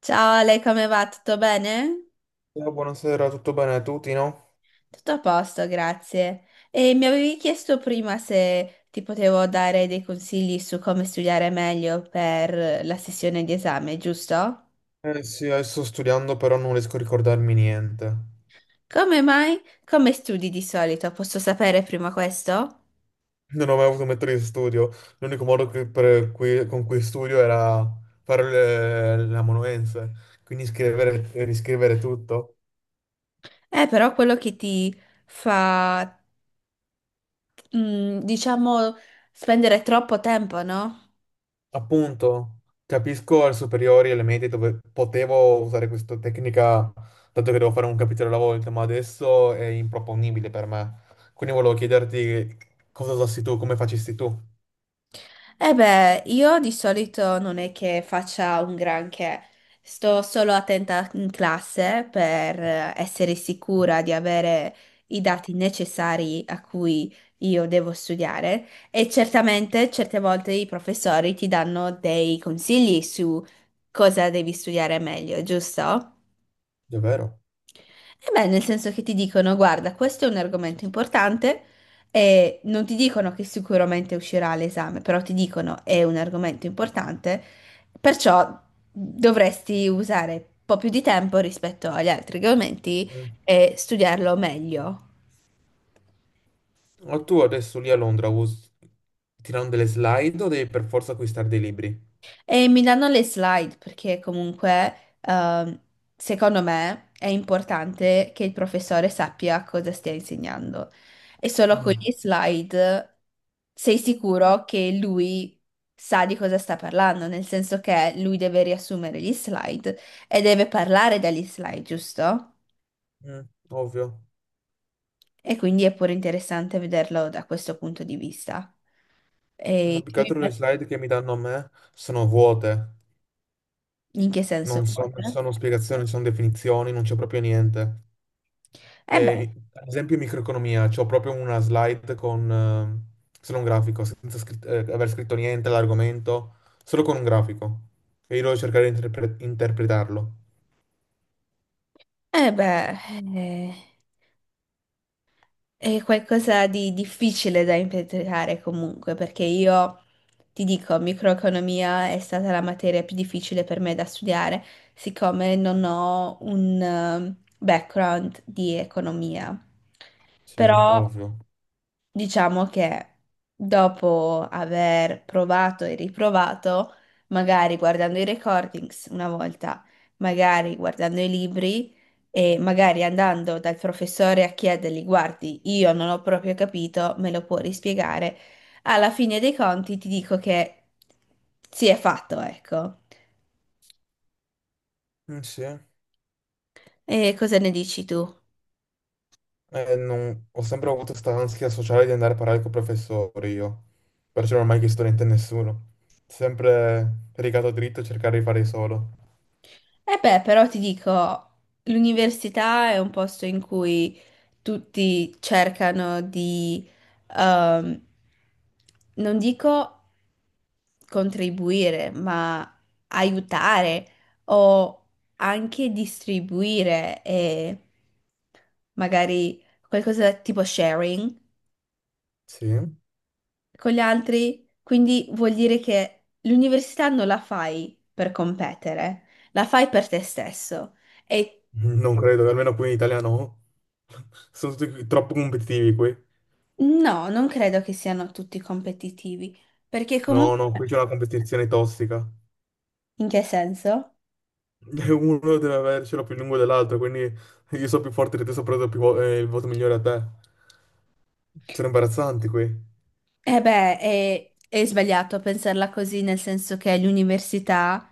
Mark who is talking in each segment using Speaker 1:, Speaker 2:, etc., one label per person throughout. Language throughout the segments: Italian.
Speaker 1: Ciao Ale, come va? Tutto bene?
Speaker 2: Ciao, buonasera, tutto bene? Tutti, no?
Speaker 1: Tutto a posto, grazie. E mi avevi chiesto prima se ti potevo dare dei consigli su come studiare meglio per la sessione di esame, giusto?
Speaker 2: Eh sì, adesso sto studiando, però non riesco a ricordarmi niente.
Speaker 1: Come mai? Come studi di solito? Posso sapere prima questo?
Speaker 2: Non ho mai avuto un metodo di studio. L'unico modo con cui studio era fare la monuenza, quindi scrivere e riscrivere tutto.
Speaker 1: Però quello che ti fa, diciamo, spendere troppo tempo, no?
Speaker 2: Appunto, capisco alle superiori e alle medie dove potevo usare questa tecnica, dato che devo fare un capitolo alla volta, ma adesso è improponibile per me. Quindi volevo chiederti cosa usassi tu, come facessi tu.
Speaker 1: Eh beh, io di solito non è che faccia un granché, sto solo attenta in classe per essere sicura di avere i dati necessari a cui io devo studiare e certamente certe volte i professori ti danno dei consigli su cosa devi studiare meglio, giusto?
Speaker 2: Davvero?
Speaker 1: E beh, nel senso che ti dicono, guarda, questo è un argomento importante e non ti dicono che sicuramente uscirà all'esame, però ti dicono è un argomento importante, perciò dovresti usare un po' più di tempo rispetto agli altri argomenti e studiarlo meglio.
Speaker 2: Ma tu adesso lì a Londra tirano delle slide o devi per forza acquistare dei libri?
Speaker 1: E mi danno le slide perché comunque, secondo me, è importante che il professore sappia cosa stia insegnando. E solo con gli
Speaker 2: Mm.
Speaker 1: slide sei sicuro che lui sa di cosa sta parlando, nel senso che lui deve riassumere gli slide e deve parlare dagli slide, giusto?
Speaker 2: Mm, ovvio.
Speaker 1: E quindi è pure interessante vederlo da questo punto di vista.
Speaker 2: No,
Speaker 1: E
Speaker 2: più che
Speaker 1: tu
Speaker 2: altro le
Speaker 1: invece,
Speaker 2: slide che mi danno a me sono vuote,
Speaker 1: in che senso vuole?
Speaker 2: non ci sono spiegazioni, non ci sono definizioni, non c'è proprio niente.
Speaker 1: Eh beh,
Speaker 2: E, ad esempio, in microeconomia, c'ho proprio una slide con solo un grafico, senza aver scritto niente all'argomento, solo con un grafico. E io devo cercare di interpretarlo.
Speaker 1: eh beh, eh. È qualcosa di difficile da impiantare comunque, perché io ti dico, microeconomia è stata la materia più difficile per me da studiare, siccome non ho un background di economia.
Speaker 2: Sì,
Speaker 1: Però
Speaker 2: ovvio.
Speaker 1: diciamo che dopo aver provato e riprovato, magari guardando i recordings una volta, magari guardando i libri e magari andando dal professore a chiedergli, guardi, io non ho proprio capito, me lo può rispiegare? Alla fine dei conti ti dico che si è fatto, ecco.
Speaker 2: Mm, sì.
Speaker 1: E cosa ne dici tu?
Speaker 2: Ho sempre avuto questa ansia sociale di andare a parlare con i professori io, perciò non ho mai chiesto niente a nessuno. Sempre rigato dritto e cercare di fare solo.
Speaker 1: Eh beh, però ti dico, l'università è un posto in cui tutti cercano di, ehm, non dico contribuire, ma aiutare o anche distribuire e magari qualcosa tipo sharing
Speaker 2: Sì?
Speaker 1: con gli altri. Quindi vuol dire che l'università non la fai per competere, la fai per te stesso. E
Speaker 2: Non credo, almeno qui in Italia no. Sono tutti troppo competitivi qui.
Speaker 1: no, non credo che siano tutti competitivi, perché
Speaker 2: No, no, qui
Speaker 1: comunque,
Speaker 2: c'è una competizione tossica.
Speaker 1: in che senso?
Speaker 2: E uno deve avercelo più lungo dell'altro, quindi io sono più forte di te, so preso più il voto migliore a te. Sono imbarazzanti qui.
Speaker 1: Eh beh, è sbagliato pensarla così, nel senso che l'università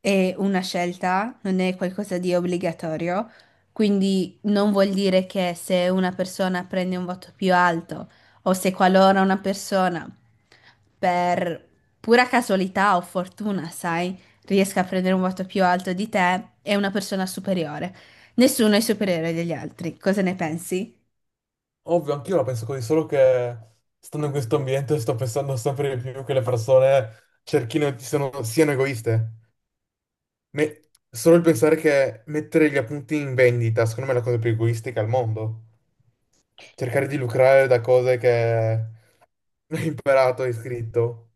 Speaker 1: è una scelta, non è qualcosa di obbligatorio, quindi non vuol dire che se una persona prende un voto più alto o se qualora una persona per pura casualità o fortuna, sai, riesca a prendere un voto più alto di te, è una persona superiore. Nessuno è superiore degli altri. Cosa ne pensi?
Speaker 2: Ovvio, anch'io la penso così, solo che stando in questo ambiente sto pensando sempre di più che le persone cerchino, siano egoiste. Me- Solo il pensare che mettere gli appunti in vendita, secondo me, è la cosa più egoistica al mondo. Cercare di lucrare da cose che hai imparato, hai scritto.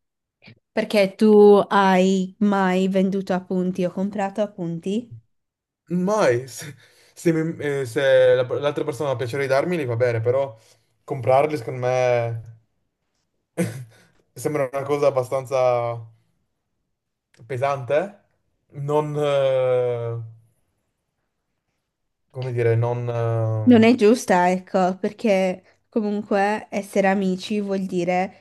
Speaker 1: Perché tu hai mai venduto appunti o comprato appunti?
Speaker 2: Mai, se, se mi- se la- l'altra persona ha piacere di darmeli va bene, però comprarli, secondo me, sembra una cosa abbastanza pesante, non, come dire, non,
Speaker 1: Non è giusta, ecco, perché comunque essere amici vuol dire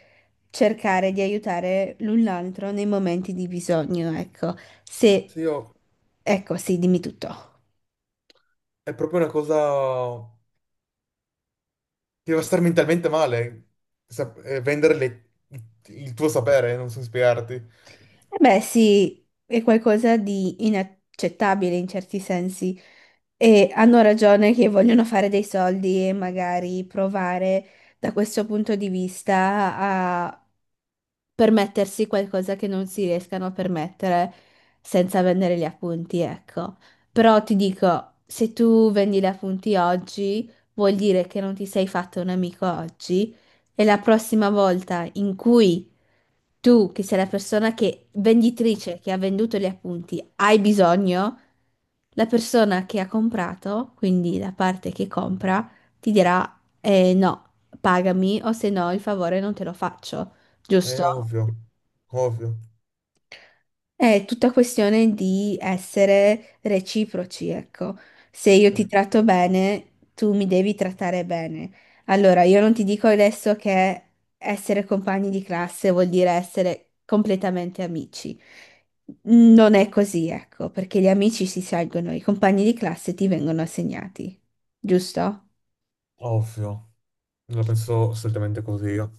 Speaker 1: cercare di aiutare l'un l'altro nei momenti di bisogno, ecco. Se,
Speaker 2: sì,
Speaker 1: ecco, sì, dimmi tutto.
Speaker 2: è proprio una cosa che va a star mentalmente male, vendere il tuo sapere, non so spiegarti.
Speaker 1: Eh beh, sì, è qualcosa di inaccettabile in certi sensi. E hanno ragione che vogliono fare dei soldi e magari provare da questo punto di vista a permettersi qualcosa che non si riescano a permettere senza vendere gli appunti, ecco. Però ti dico, se tu vendi gli appunti oggi, vuol dire che non ti sei fatto un amico oggi e la prossima volta in cui tu, che sei la persona che, venditrice che ha venduto gli appunti, hai bisogno, la persona che ha comprato, quindi la parte che compra, ti dirà no, pagami o se no il favore non te lo faccio,
Speaker 2: È
Speaker 1: giusto?
Speaker 2: ovvio, ovvio,
Speaker 1: È tutta questione di essere reciproci, ecco. Se io ti tratto bene, tu mi devi trattare bene. Allora, io non ti dico adesso che essere compagni di classe vuol dire essere completamente amici. Non è così, ecco, perché gli amici si scelgono, i compagni di classe ti vengono assegnati, giusto?
Speaker 2: ovvio. Non la penso assolutamente così io.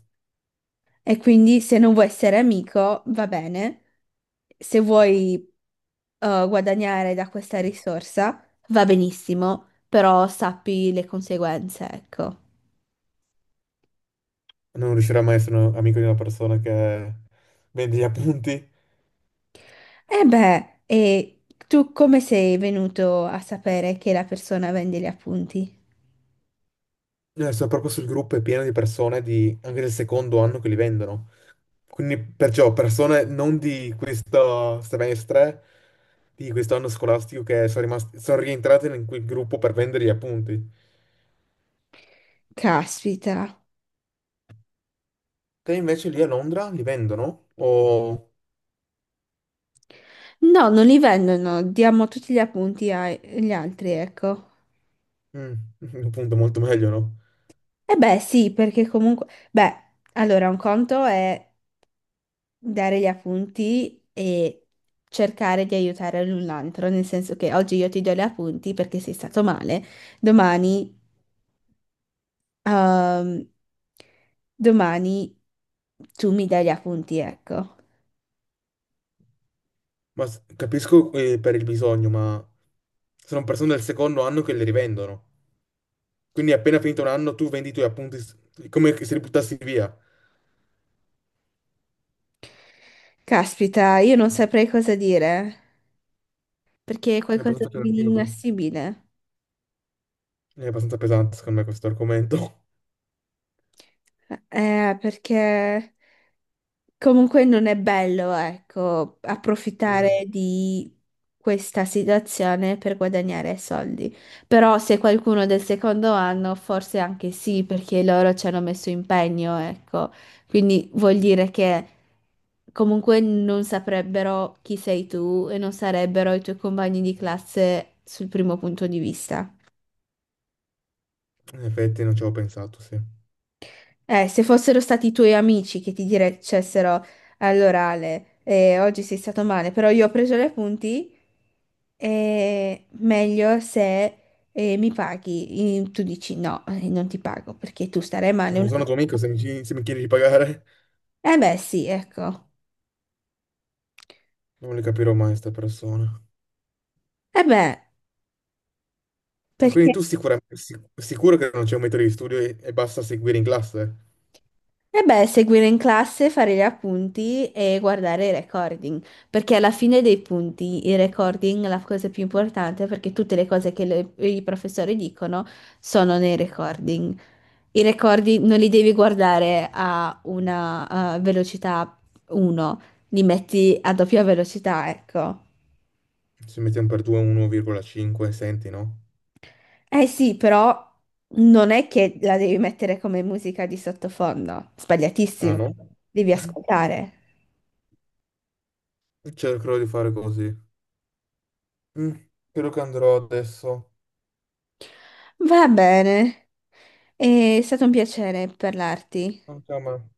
Speaker 1: E quindi se non vuoi essere amico, va bene. Se vuoi guadagnare da questa risorsa, va benissimo, però sappi le conseguenze, ecco.
Speaker 2: Non riuscirò mai a essere un amico di una persona che vende gli appunti.
Speaker 1: E beh, e tu come sei venuto a sapere che la persona vende gli appunti?
Speaker 2: Sono proprio sul gruppo, è pieno di persone anche del secondo anno che li vendono. Quindi perciò persone non di questo semestre, di questo anno scolastico che sono rimasti, sono rientrate in quel gruppo per vendere gli appunti.
Speaker 1: Caspita.
Speaker 2: Te invece lì a Londra li vendono? O.
Speaker 1: No, non li vendono, no, diamo tutti gli appunti agli altri, ecco.
Speaker 2: Mm, appunto molto meglio, no?
Speaker 1: E beh, sì, perché comunque... Beh, allora, un conto è dare gli appunti e cercare di aiutare l'un l'altro, nel senso che oggi io ti do gli appunti perché sei stato male, domani, ehm, domani tu mi dai gli appunti, ecco.
Speaker 2: Ma capisco, per il bisogno, ma sono persone del secondo anno che li rivendono. Quindi appena finito un anno tu vendi i tuoi appunti come se li buttassi via.
Speaker 1: Caspita, io non saprei cosa dire, perché è
Speaker 2: È
Speaker 1: qualcosa
Speaker 2: abbastanza
Speaker 1: di
Speaker 2: pesante,
Speaker 1: inassibile.
Speaker 2: è abbastanza pesante secondo me questo argomento.
Speaker 1: Perché... Comunque non è bello, ecco,
Speaker 2: Mm,
Speaker 1: approfittare di questa situazione per guadagnare soldi. Però se qualcuno del secondo anno, forse anche sì, perché loro ci hanno messo impegno, ecco. Quindi vuol dire che comunque non saprebbero chi sei tu e non sarebbero i tuoi compagni di classe sul primo punto di vista.
Speaker 2: in effetti non ci avevo pensato, sì.
Speaker 1: Se fossero stati i tuoi amici che ti dicessero all'orale, oggi sei stato male, però io ho preso gli appunti, meglio se mi paghi. Tu dici no, non ti pago perché tu starai male
Speaker 2: Non
Speaker 1: una
Speaker 2: sono tuo amico
Speaker 1: volta.
Speaker 2: se se mi chiedi di pagare.
Speaker 1: Eh beh, sì, ecco.
Speaker 2: Non le capirò mai queste persone.
Speaker 1: Eh beh,
Speaker 2: Ma quindi
Speaker 1: perché?
Speaker 2: tu sicuramente, sicuro che non c'è un metodo di studio e basta seguire in classe?
Speaker 1: E beh, seguire in classe, fare gli appunti e guardare i recording, perché alla fine dei punti i recording è la cosa più importante perché tutte le cose che i professori dicono sono nei recording. I recording non li devi guardare a una velocità 1, li metti a doppia velocità, ecco.
Speaker 2: Se mettiamo per 2 1,5, senti, no?
Speaker 1: Eh sì, però non è che la devi mettere come musica di sottofondo,
Speaker 2: Ah
Speaker 1: sbagliatissimo,
Speaker 2: no?
Speaker 1: devi ascoltare.
Speaker 2: Cercherò di fare così. Mm, Credo che andrò adesso.
Speaker 1: Va bene, è stato un piacere parlarti.
Speaker 2: Anche a me.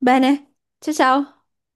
Speaker 1: Bene, ciao ciao.